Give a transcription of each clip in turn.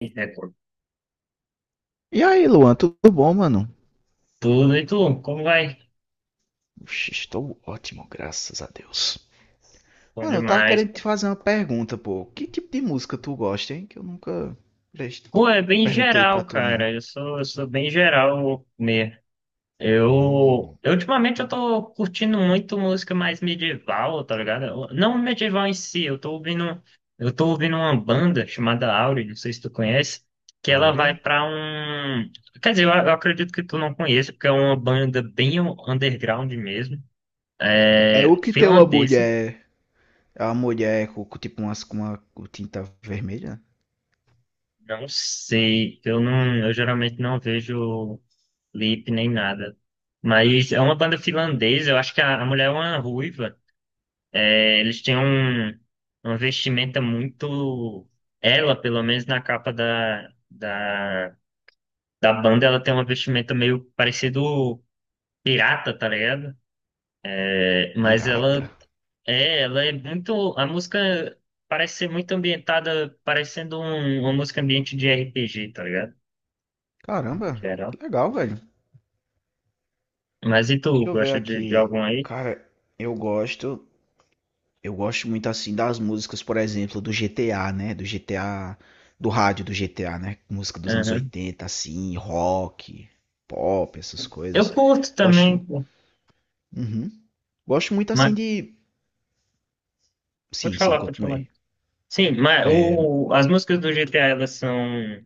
Record. E aí, Luan, tudo bom, mano? Tudo e tu, como vai? Oxe, estou ótimo, graças a Deus. Bom Mano, eu tava demais, querendo te pô. fazer uma pergunta, pô. Que tipo de música tu gosta, hein? Que eu nunca pres- Pô, é bem perguntei pra geral, tu, não. cara. Eu sou bem geral mesmo. Hum, Ultimamente eu tô curtindo muito música mais medieval, tá ligado? Eu- Não medieval em si, eu tô eu tô ouvindo uma banda chamada Auri, não sei se tu conhece, que ela vai Áurea? pra um, quer dizer, eu acredito que tu não conheça, porque é uma banda bem underground mesmo, É o é que tem uma finlandesa. mulher. É uma mulher com tipo uma com tinta vermelha? Não sei, eu geralmente não vejo Lip nem nada. Mas é uma banda finlandesa, eu acho que a mulher é uma ruiva. É, eles têm um, uma vestimenta muito. Ela, pelo menos na capa da banda, ela tem uma vestimenta meio parecido pirata, tá ligado? É, mas Pirata? Ela é muito. A música parece ser muito ambientada, parecendo um- uma música ambiente de RPG, tá ligado? Caramba, Geral. que legal, velho. Mas e tu, Deixa eu ver gosta de aqui. algum aí? Cara, eu gosto Eu gosto muito assim das músicas, por exemplo, do GTA, né? Do GTA, do rádio do GTA, né? Música dos anos Aham. 80, assim, rock, pop, essas Eu coisas. curto Gosto. também, pô. Uhum. Gosto muito assim de. Pode Sim, sim, falar, pode falar. continuei. Sim, mas o, as músicas do GTA, elas são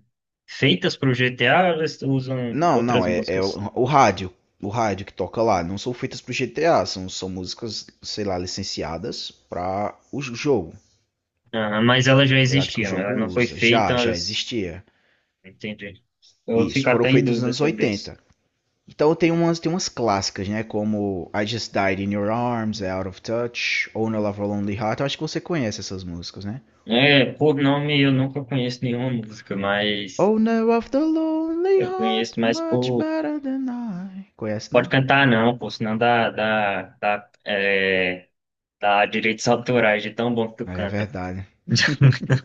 feitas para o GTA, ou elas usam Não, outras não, é o, músicas. o rádio. O rádio que toca lá. Não são feitas pro GTA, são músicas, sei lá, licenciadas para o jogo. Ah, mas elas já Tá ligado que o existiam, jogo elas não foi usa. Já feitas. existia. Entendi. Eu vou Isso, ficar foram até em feitos nos dúvida anos sobre isso. 80. Então tem umas clássicas, né? Como I Just Died in Your Arms, É Out of Touch, Oh No Love of a Lonely Heart. Eu acho que você conhece essas músicas, né? É, por nome eu nunca conheço nenhuma música, mas Oh No of the Lonely eu conheço Heart, mais much por. better than I. Conhece Pode não? cantar não, pô, senão é, dá direitos autorais de tão bom que tu Ah, é canta. verdade.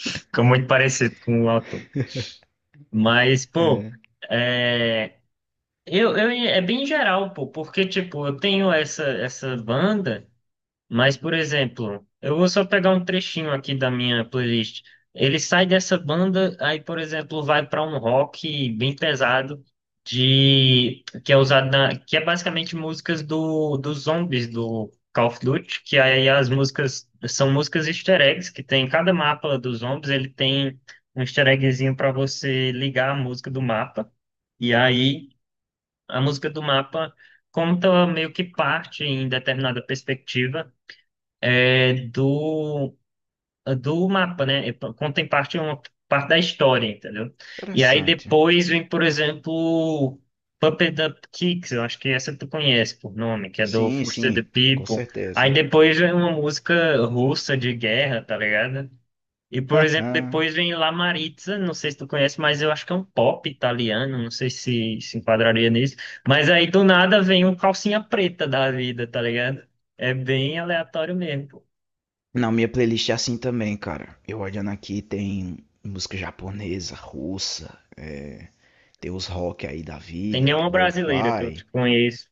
Fica muito parecido com o autor. Mas, pô. É. É bem geral, pô, porque, tipo, eu tenho essa banda, mas, por exemplo, eu vou só pegar um trechinho aqui da minha playlist. Ele sai dessa banda, aí, por exemplo, vai para um rock bem pesado, de, que é usado na, que é basicamente músicas dos zombies do Call of Duty, que aí as músicas são músicas easter eggs, que tem em cada mapa dos zombies, ele tem um easter eggzinho para você ligar a música do mapa. E aí. A música do mapa conta meio que parte, em determinada perspectiva, é, do, do mapa, né? Conta em parte uma parte da história, entendeu? E aí Interessante. depois vem, por exemplo, Puppet Up Kicks, eu acho que essa tu conhece por nome, que é do Sim, Foster the sim, com People. Aí certeza. depois vem uma música russa de guerra, tá ligado? E, por exemplo, depois vem La Maritza, não sei se tu conhece, mas eu acho que é um pop italiano, não sei se se enquadraria nisso. Mas aí do nada vem um calcinha preta da vida, tá ligado? É bem aleatório mesmo, pô. Não, minha playlist é assim também, cara. Eu olhando aqui tem música japonesa, russa, tem os rock aí da Tem vida, nenhuma brasileira que eu lo-fi. conheço.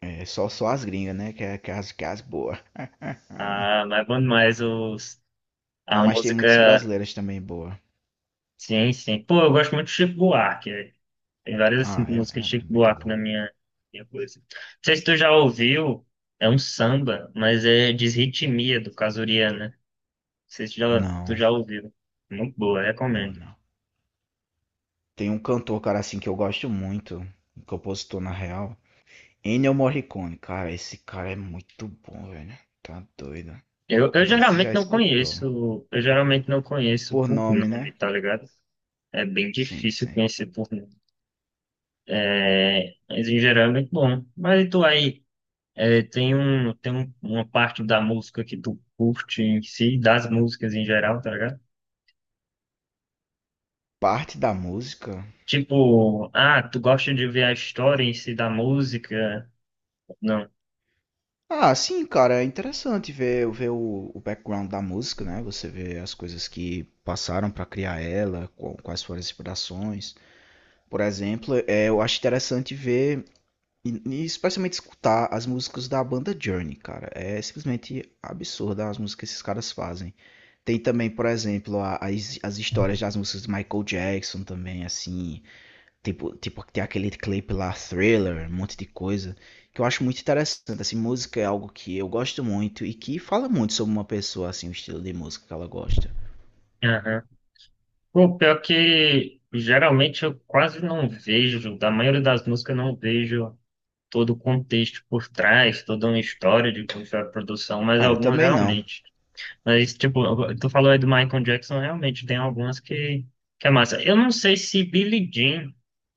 É, só as gringas, né? Que é as boas. Ah, mas é bom demais os, Não, a mas tem muitas música. brasileiras também boa. Sim, sim. Pô, eu gosto muito de Chico Buarque, velho. Tem várias assim, Ah, é, músicas de é, é Chico muito Buarque bom. na minha coisa. Não sei se tu já ouviu, é um samba, mas é Desritmia, do Casuriana. Sei se já, tu Não, já ouviu. Muito boa, não, recomendo. não. Tem um cantor, cara, assim, que eu gosto muito. Um compositor, na real. Ennio Morricone. Cara, esse cara é muito bom, velho. Tá doido. Eu Não sei se geralmente já não escutou. conheço, eu geralmente não conheço Por por nome, nome, né? tá ligado? É bem Sim, difícil sim. conhecer por nome. É, mas em geral é muito bom. Mas e tu aí, é, tem um- uma parte da música que tu curte em si, das músicas em geral, tá ligado? Parte da música. Tipo, ah, tu gosta de ver a história em si da música? Não. Ah, sim, cara, é interessante ver o background da música, né? Você vê as coisas que passaram para criar ela, quais foram as inspirações. Por exemplo, eu acho interessante ver e especialmente escutar as músicas da banda Journey, cara. É simplesmente absurda as músicas que esses caras fazem. Tem também, por exemplo, as histórias das músicas de Michael Jackson também, assim. Tipo, tem aquele clipe lá, Thriller, um monte de coisa, que eu acho muito interessante. Assim, música é algo que eu gosto muito e que fala muito sobre uma pessoa, assim, o estilo de música que ela gosta. Aham. Pô, pior que geralmente eu quase não vejo, da maioria das músicas eu não vejo todo o contexto por trás, toda uma história de como foi a produção, mas Ah, eu algumas também não. realmente. Mas, tipo, tu falou aí do Michael Jackson, realmente tem algumas que é massa. Eu não sei se Billie Jean,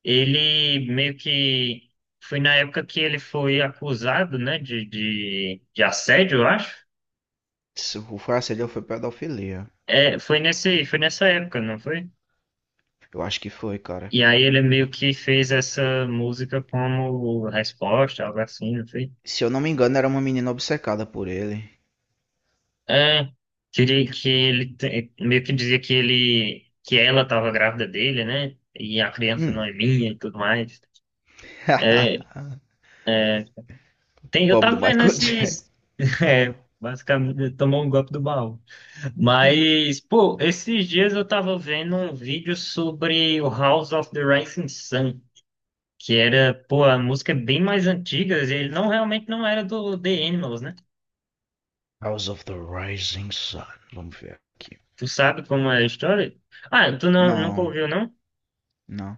ele meio que foi na época que ele foi acusado, né, de assédio, eu acho. Se o Farcelho foi pedofilia. É, foi nesse, foi nessa época, não foi? Eu acho que foi, cara. E aí ele meio que fez essa música como resposta, algo assim, não foi? Se eu não me engano, era uma menina obcecada por ele. É, que ele te- meio que dizia que ele, que ela estava grávida dele, né? E a criança não Hum. é minha e tudo mais. É, é, tem, eu Pobre do tava vendo Michael Jackson. esses. É, basicamente, ele tomou um golpe do baú. Mas, pô, esses dias eu tava vendo um vídeo sobre o House of the Rising Sun, que era, pô, a música é bem mais antiga, e ele não realmente não era do The Animals, né? House of the Rising Sun. Vamos ver aqui. Tu sabe como é a história? Ah, tu não, nunca Não, ouviu, não? não.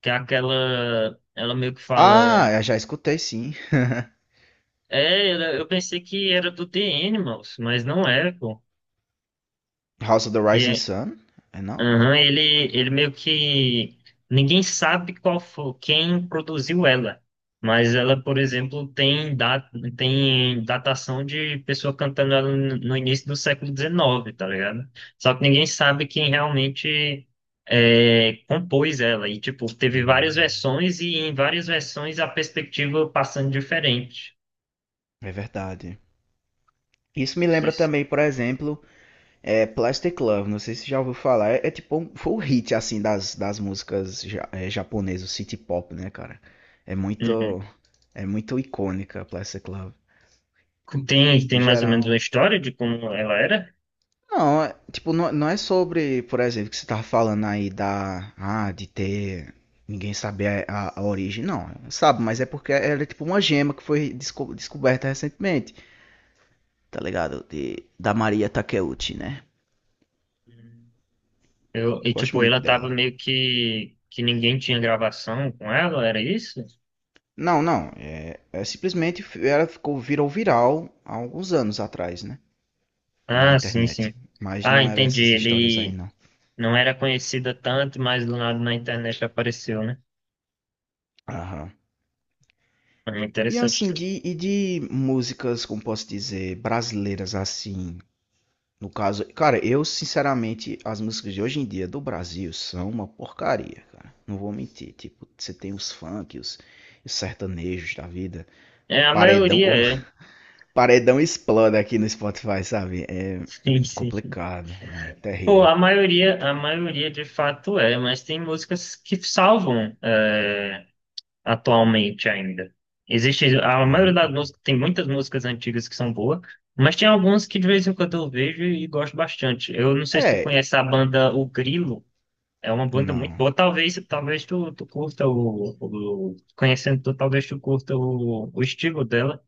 Que é aquela. Ela meio que fala. Ah, eu já escutei, sim. É, ela- eu pensei que era do The Animals, mas não é, pô. House of the E Rising é, Sun? É não? aham, ele meio que. Ninguém sabe qual foi, quem produziu ela. Mas ela, por exemplo, tem, da, tem datação de pessoa cantando ela no início do século XIX, tá ligado? Só que ninguém sabe quem realmente é, compôs ela. E, tipo, teve várias Hum, versões e em várias versões a perspectiva passando diferente. É verdade. Isso me lembra Vocês... também, por exemplo, Plastic Love. Não sei se já ouviu falar. É tipo, foi o hit assim das músicas japonesas, o city pop, né, cara? É Uhum. muito, é muito icônica Plastic Love. Tem, No tem mais ou menos uma geral. história de como ela era? Não, é, tipo, não é sobre, por exemplo, que você tava falando aí da, de ter ninguém saber a origem. Não, sabe? Mas é porque ela é tipo uma gema que foi descoberta recentemente. Tá ligado? Da Maria Takeuchi, né? Uhum. Eu, e Gosto tipo, muito ela tava dela. meio que... Que ninguém tinha gravação com ela, era isso? Não, não. É simplesmente ela ficou virou viral há alguns anos atrás, né? Na Ah, sim, sim. internet. Mas Ah, não era entendi. essas histórias aí, Ele não. não era conhecida tanto, mas do nada na internet apareceu, né? Aham. É E interessante. assim, de músicas, como posso dizer, brasileiras assim. No caso, cara, eu sinceramente, as músicas de hoje em dia do Brasil são uma porcaria, cara. Não vou mentir. Tipo, você tem os funk, os sertanejos da vida, É, a paredão, maioria é. Paredão explode aqui no Spotify, sabe? É Sim, sim. complicado, não, é Pô, terrível. A maioria de fato é, mas tem músicas que salvam atualmente ainda. Existe, a maioria das Hum. músicas, tem muitas músicas antigas que são boas, mas tem algumas que de vez em quando eu vejo e gosto bastante. Eu não sei se tu É, conhece a banda O Grilo, é uma banda muito não. boa. Talvez, talvez tu curta o- conhecendo tu, talvez tu curta o estilo dela.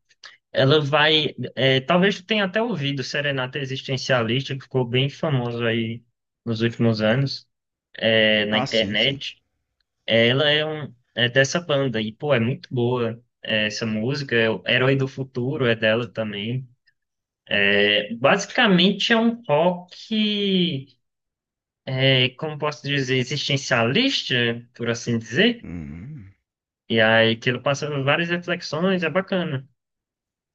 Ela vai, é, talvez tu tenha até ouvido Serenata Existencialista, que ficou bem famoso aí nos últimos anos, é, na Ah, sim, sim. internet. Ela é, um, é dessa banda e, pô, é muito boa é, essa música. É o Herói do Futuro é dela também. É, basicamente é um rock, é, como posso dizer, existencialista, por assim dizer. Hum. E aí que ele passa por várias reflexões, é bacana.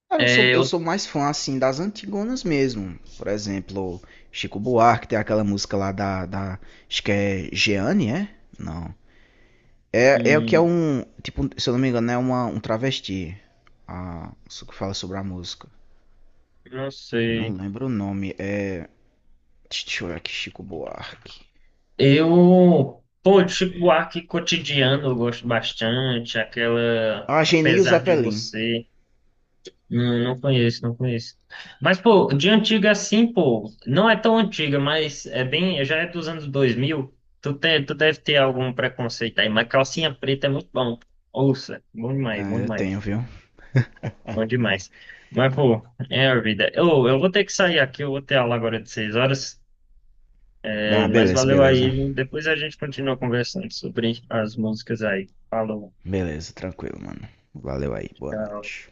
Cara, eu É, sou, eu eu sou mais fã, assim, das antigonas mesmo. Por exemplo, Chico Buarque tem aquela música lá da acho que é Jeane, é? Não. É o que é hum, um, tipo, se eu não me engano, é um travesti. Ah, isso que fala sobre a música. não Eu não sei. lembro o nome. Deixa eu ver aqui, Chico Buarque. Eu, pô, Vamos Chico ver. Buarque cotidiano eu gosto bastante. Aquela Ageni e o Apesar de Zeppelin. Você. Não, não conheço, não conheço. Mas, pô, de antiga assim, pô, não é tão antiga, mas é bem, já é dos anos 2000. Tu, tem, tu deve ter algum preconceito aí, mas calcinha preta é muito bom. Ouça, bom demais, Ah, bom eu tenho, demais, viu? bom demais. Mas, pô, é a vida. Eu vou ter que sair aqui, eu vou ter aula agora de 6 horas, é, Ah, mas beleza, valeu beleza. aí. Depois a gente continua conversando sobre as músicas aí. Falou. Beleza, tranquilo, mano. Valeu aí, boa noite.